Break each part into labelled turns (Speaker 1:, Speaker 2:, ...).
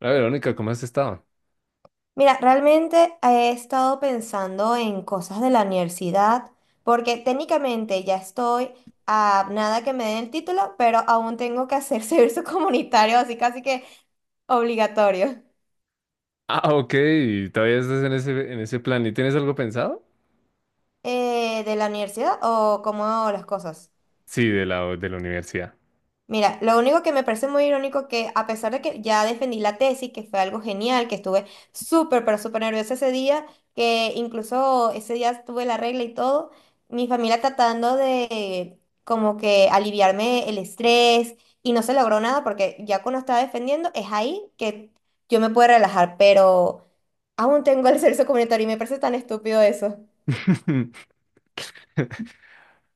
Speaker 1: La Verónica, ¿cómo has estado?
Speaker 2: Mira, realmente he estado pensando en cosas de la universidad, porque técnicamente ya estoy a nada que me den el título, pero aún tengo que hacer servicio comunitario, así casi que obligatorio.
Speaker 1: Ah, ok, ¿y todavía estás en ese plan? ¿Y tienes algo pensado?
Speaker 2: ¿De la universidad o cómo hago las cosas?
Speaker 1: Sí, de la universidad.
Speaker 2: Mira, lo único que me parece muy irónico que a pesar de que ya defendí la tesis, que fue algo genial, que estuve súper, pero súper nerviosa ese día, que incluso ese día tuve la regla y todo, mi familia tratando de como que aliviarme el estrés y no se logró nada porque ya cuando estaba defendiendo es ahí que yo me puedo relajar, pero aún tengo el servicio comunitario y me parece tan estúpido eso.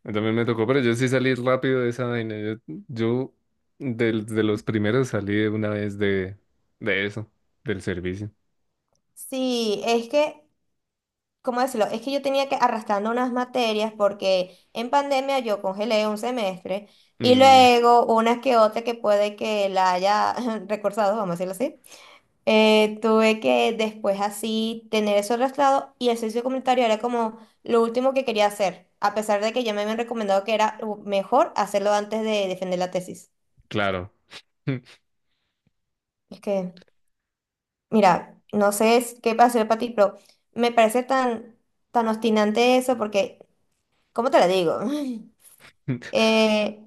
Speaker 1: También me tocó, pero yo sí salí rápido de esa vaina. Yo los primeros salí de una vez de eso, del servicio.
Speaker 2: Sí, es que ¿cómo decirlo? Es que yo tenía que arrastrando unas materias porque en pandemia yo congelé un semestre y
Speaker 1: Mm,
Speaker 2: luego unas que otra que puede que la haya recursado, vamos a decirlo así, tuve que después así tener eso arrastrado y el servicio comunitario era como lo último que quería hacer, a pesar de que ya me habían recomendado que era mejor hacerlo antes de defender la tesis.
Speaker 1: claro.
Speaker 2: Es que, mira, no sé qué va a hacer para ti, pero me parece tan, tan obstinante eso porque, ¿cómo te lo digo? eh,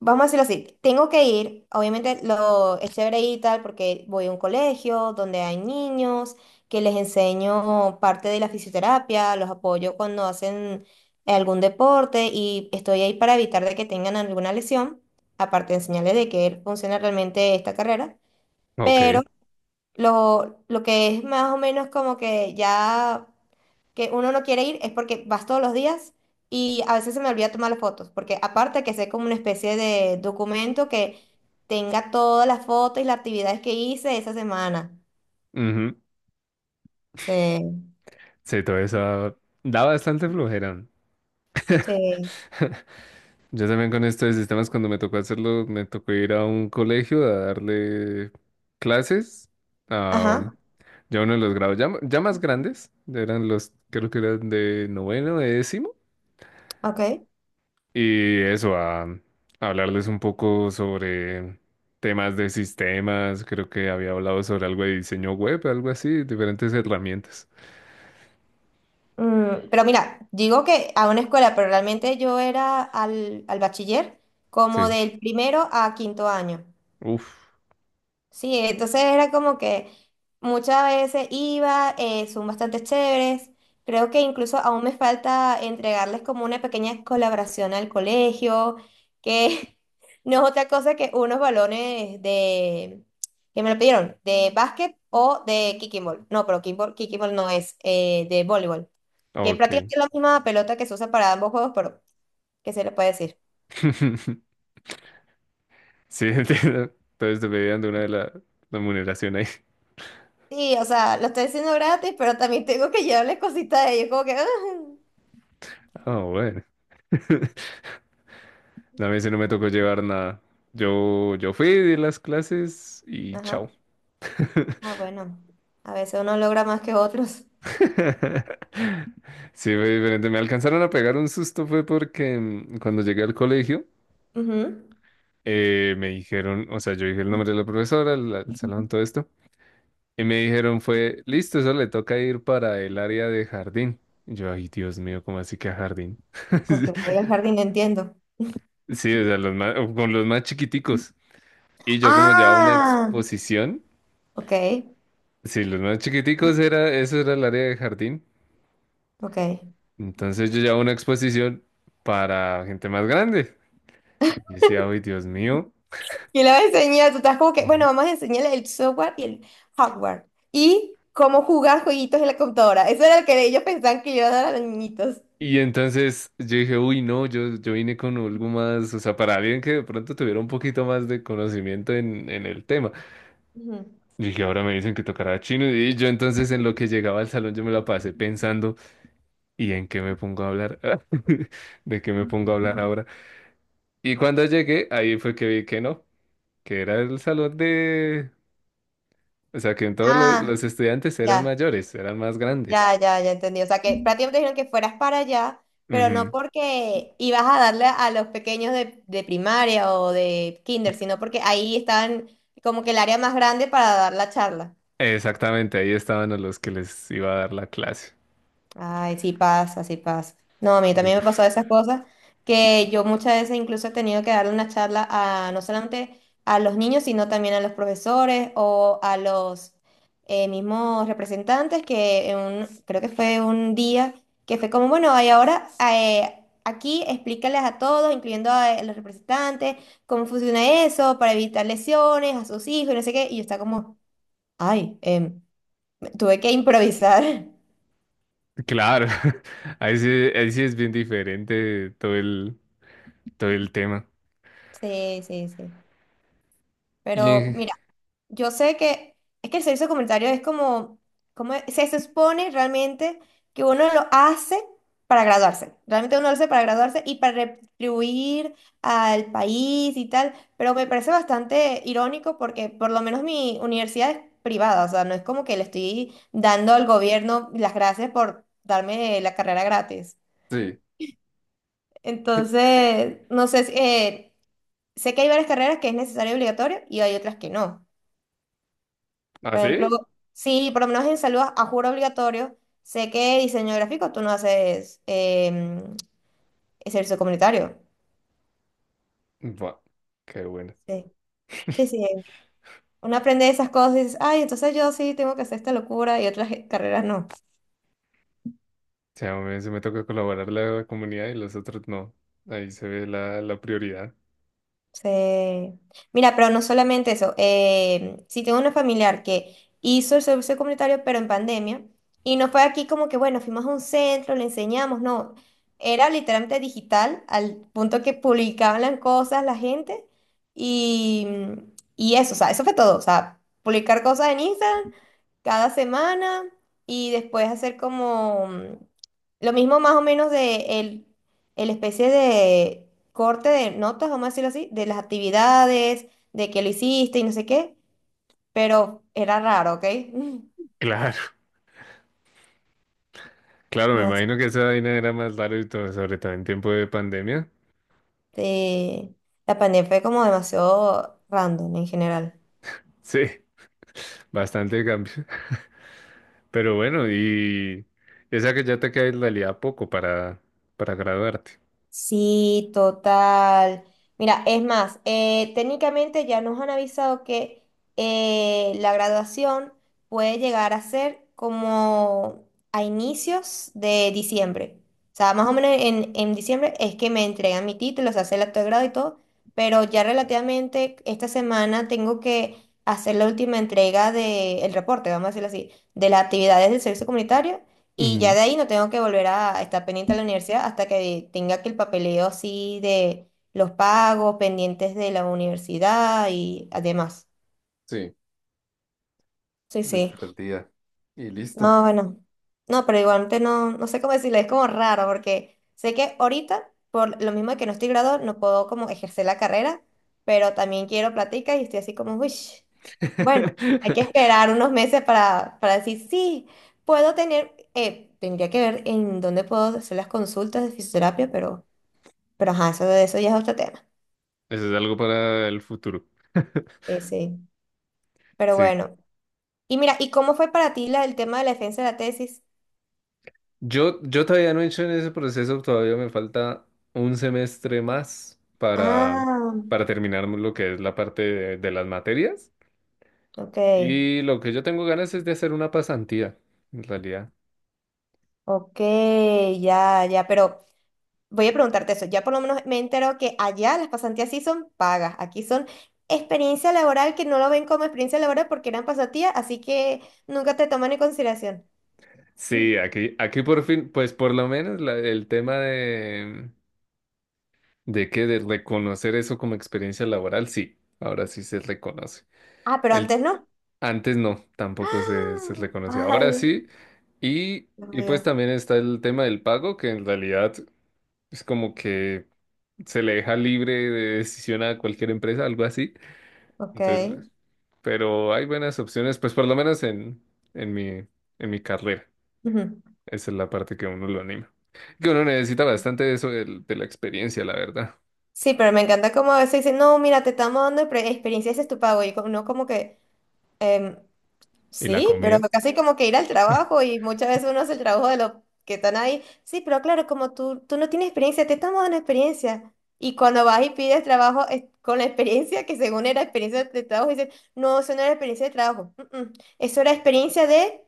Speaker 2: vamos a decirlo así, tengo que ir, obviamente lo es chévere ir y tal porque voy a un colegio donde hay niños, que les enseño parte de la fisioterapia, los apoyo cuando hacen algún deporte y estoy ahí para evitar de que tengan alguna lesión, aparte de enseñarles de que funciona realmente esta carrera,
Speaker 1: Ok.
Speaker 2: pero lo que es más o menos como que ya que uno no quiere ir es porque vas todos los días y a veces se me olvida tomar las fotos, porque aparte que sea como una especie de documento que tenga todas las fotos y las actividades que hice esa semana.
Speaker 1: Ujú.
Speaker 2: Sí,
Speaker 1: Sí, toda esa da bastante flojera.
Speaker 2: sí.
Speaker 1: Yo también con esto de sistemas, cuando me tocó hacerlo, me tocó ir a un colegio a darle clases a
Speaker 2: Ajá,
Speaker 1: ya uno de los grados ya, ya más grandes, eran los, creo que eran de noveno, de décimo,
Speaker 2: ok.
Speaker 1: y eso, a hablarles un poco sobre temas de sistemas. Creo que había hablado sobre algo de diseño web, algo así, diferentes herramientas.
Speaker 2: Mm, pero mira, digo que a una escuela, pero realmente yo era al bachiller como
Speaker 1: Sí,
Speaker 2: del primero a quinto año.
Speaker 1: uff,
Speaker 2: Sí, entonces era como que muchas veces iba, son bastante chéveres. Creo que incluso aún me falta entregarles como una pequeña colaboración al colegio, que no es otra cosa que unos balones de, que me lo pidieron, de básquet o de kicking ball. No, pero kicking ball no es, de voleibol, que es
Speaker 1: ok.
Speaker 2: prácticamente la misma pelota que se usa para ambos juegos, pero ¿qué se le puede decir?
Speaker 1: Sí, entiendo. Entonces te pedían de una de la remuneración ahí.
Speaker 2: Sí, o sea, lo estoy haciendo gratis, pero también tengo que llevarles cositas a ellos, como que...
Speaker 1: Ah, bueno. A mí sí no me tocó llevar nada. Yo fui, di las clases y
Speaker 2: Ajá.
Speaker 1: chao.
Speaker 2: Ah, bueno. A veces uno logra más que otros.
Speaker 1: Sí, fue diferente. Me alcanzaron a pegar un susto fue porque cuando llegué al colegio
Speaker 2: Ujú.
Speaker 1: me dijeron, o sea, yo dije el nombre de la profesora, el salón, todo esto, y me dijeron fue, listo, eso le toca ir para el área de jardín. Y yo, ay, Dios mío, ¿cómo así que a jardín?
Speaker 2: Porque voy al jardín, entiendo.
Speaker 1: Sí, o sea, los más- con los más chiquiticos. Y yo como llevaba una
Speaker 2: Ah,
Speaker 1: exposición.
Speaker 2: ok,
Speaker 1: Sí, los más chiquiticos era, eso era el área de jardín.
Speaker 2: ok.
Speaker 1: Entonces yo llevaba una exposición para gente más grande. Y decía, uy, Dios mío.
Speaker 2: Y le vas a enseñar, tú estás como que, bueno,
Speaker 1: Eh,
Speaker 2: vamos a enseñarle el software y el hardware. Y cómo jugar jueguitos en la computadora. Eso era lo que ellos pensaban que yo iba a dar a los niñitos.
Speaker 1: Y entonces yo dije, uy, no, yo vine con algo más, o sea, para alguien que de pronto tuviera un poquito más de conocimiento en el tema.
Speaker 2: Ujú.
Speaker 1: Y dije, ahora me dicen que tocará chino. Y yo entonces en lo que llegaba al salón yo me la pasé pensando, ¿y en qué me pongo a hablar? ¿De qué me pongo a hablar ahora? Y cuando llegué, ahí fue que vi que no, que era el salón de... O sea, que todos lo-
Speaker 2: Ah,
Speaker 1: los estudiantes eran
Speaker 2: ya.
Speaker 1: mayores, eran más grandes.
Speaker 2: Ya, ya, ya entendí. O sea, que prácticamente dijeron que fueras para allá, pero no
Speaker 1: Ujú.
Speaker 2: porque ibas a darle a los pequeños de primaria o de kinder, sino porque ahí estaban como que el área más grande para dar la charla.
Speaker 1: Exactamente, ahí estaban a los que les iba a dar la clase.
Speaker 2: Ay, sí pasa, sí pasa. No, a mí también me pasó
Speaker 1: Uf,
Speaker 2: esas cosas que yo muchas veces incluso he tenido que darle una charla a no solamente a los niños, sino también a los profesores o a los mismos representantes que en creo que fue un día que fue como, bueno, y ahora aquí explícales a todos, incluyendo a los representantes, cómo funciona eso para evitar lesiones a sus hijos y no sé qué. Y yo estaba como, ay, tuve que improvisar.
Speaker 1: claro, ahí sí, ahí sí es bien diferente todo el tema.
Speaker 2: Sí, sí, sí.
Speaker 1: Y
Speaker 2: Pero
Speaker 1: en-
Speaker 2: mira, yo sé que es que el servicio comunitario es como, como se supone realmente que uno lo hace para graduarse. Realmente uno lo hace para graduarse y para retribuir al país y tal. Pero me parece bastante irónico porque por lo menos mi universidad es privada. O sea, no es como que le estoy dando al gobierno las gracias por darme la carrera gratis.
Speaker 1: sí.
Speaker 2: Entonces, no sé, sé que hay varias carreras que es necesario y obligatorio y hay otras que no.
Speaker 1: ¿Ah,
Speaker 2: Por ejemplo,
Speaker 1: sí?
Speaker 2: sí, por lo menos en salud a juro obligatorio, sé que diseño gráfico tú no haces servicio comunitario.
Speaker 1: Buah, qué bueno.
Speaker 2: Sí, sí, sí. Uno aprende esas cosas y dices, ay, entonces yo sí tengo que hacer esta locura y otras carreras no.
Speaker 1: O sea, a mí se me toca colaborar la comunidad y los otros no. Ahí se ve la, la prioridad.
Speaker 2: Sí. Mira, pero no solamente eso. Si tengo una familiar que hizo el servicio comunitario, pero en pandemia, y no fue aquí como que, bueno, fuimos a un centro, le enseñamos, no. Era literalmente digital, al punto que publicaban las cosas la gente, y, y eso, o sea, eso fue todo. O sea, publicar cosas en Instagram cada semana, y después hacer como. Lo mismo más o menos de el especie de corte de notas, vamos a decirlo así, de las actividades, de que lo hiciste y no sé qué, pero era raro, ¿ok?
Speaker 1: Claro, claro, me
Speaker 2: No
Speaker 1: imagino que esa vaina era más larga y todo, sobre todo en tiempo de pandemia.
Speaker 2: sé, la pandemia fue como demasiado random en general.
Speaker 1: Sí, bastante cambio. Pero bueno, y esa que ya te queda en realidad poco para graduarte.
Speaker 2: Sí, total. Mira, es más, técnicamente ya nos han avisado que la graduación puede llegar a ser como a inicios de diciembre. O sea, más o menos en diciembre es que me entregan mi título, se hace el acto de grado y todo, pero ya relativamente esta semana tengo que hacer la última entrega del reporte, vamos a decirlo así, de las actividades del servicio comunitario y ya
Speaker 1: Ujú.
Speaker 2: de ahí no tengo que volver a estar pendiente a la universidad hasta que tenga que el papeleo así de los pagos, pendientes de la universidad y además.
Speaker 1: Sí,
Speaker 2: Sí, sí.
Speaker 1: estar al día. Y listo.
Speaker 2: No, bueno, no, pero igualmente no, no sé cómo decirle, es como raro porque sé que ahorita, por lo mismo que no estoy graduado, no puedo como ejercer la carrera, pero también quiero plática y estoy así como, uy, bueno, hay que esperar unos meses para decir, sí, puedo tener, tendría que ver en dónde puedo hacer las consultas de fisioterapia, pero ajá, eso, de eso ya es otro tema.
Speaker 1: Eso es algo para el futuro.
Speaker 2: Sí, sí, pero
Speaker 1: Sí.
Speaker 2: bueno. Y mira, ¿y cómo fue para ti la, el tema de la defensa de la tesis?
Speaker 1: Yo todavía no he hecho en ese proceso, todavía me falta un semestre más
Speaker 2: Ah,
Speaker 1: para terminar lo que es la parte de las materias.
Speaker 2: ok.
Speaker 1: Y lo que yo tengo ganas es de hacer una pasantía, en realidad.
Speaker 2: Ok, ya, ya, pero voy a preguntarte eso. Ya por lo menos me entero que allá las pasantías sí son pagas, aquí son experiencia laboral que no lo ven como experiencia laboral porque eran pasantías, así que nunca te toman en consideración. Mm.
Speaker 1: Sí, aquí por fin, pues por lo menos la- el tema de que de reconocer eso como experiencia laboral, sí, ahora sí se reconoce.
Speaker 2: Ah, pero
Speaker 1: El,
Speaker 2: antes no.
Speaker 1: Antes no, tampoco se
Speaker 2: ¡Ah!
Speaker 1: reconocía. Ahora
Speaker 2: Ay,
Speaker 1: sí, y,
Speaker 2: Dios
Speaker 1: y pues
Speaker 2: mío.
Speaker 1: también está el tema del pago, que en realidad es como que se le deja libre de decisión a cualquier empresa, algo así.
Speaker 2: Ok.
Speaker 1: Entonces, pues, pero hay buenas opciones, pues por lo menos en mi, en mi carrera.
Speaker 2: Ujú.
Speaker 1: Esa es la parte que a uno lo anima. Que uno necesita bastante de eso del- de, la experiencia, la verdad.
Speaker 2: Sí, pero me encanta cómo a veces dicen, no, mira, te estamos dando experiencia, ese es tu pago. Y uno como que, em,
Speaker 1: Y la
Speaker 2: sí, pero
Speaker 1: comida.
Speaker 2: casi como que ir al trabajo y muchas veces uno hace el trabajo de los que están ahí. Sí, pero claro, como tú no tienes experiencia, te estamos dando experiencia. Y cuando vas y pides trabajo es con la experiencia, que según era experiencia de trabajo, dicen, no, eso no era experiencia de trabajo. Eso era experiencia de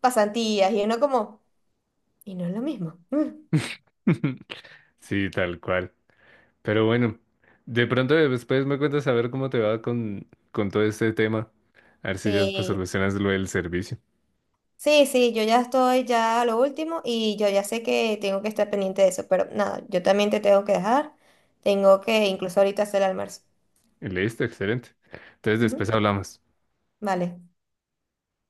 Speaker 2: pasantías. Y uno como, y no es lo mismo. Mm".
Speaker 1: Sí, tal cual. Pero bueno, de pronto después me cuentas a ver cómo te va con todo este tema. A ver si ya pues
Speaker 2: Sí,
Speaker 1: solucionas lo del servicio.
Speaker 2: sí, sí, yo ya estoy ya a lo último y yo ya sé que tengo que estar pendiente de eso, pero nada, yo también te tengo que dejar. Tengo que incluso ahorita hacer el almuerzo.
Speaker 1: Y listo, excelente. Entonces después
Speaker 2: Ujú.
Speaker 1: hablamos.
Speaker 2: Vale.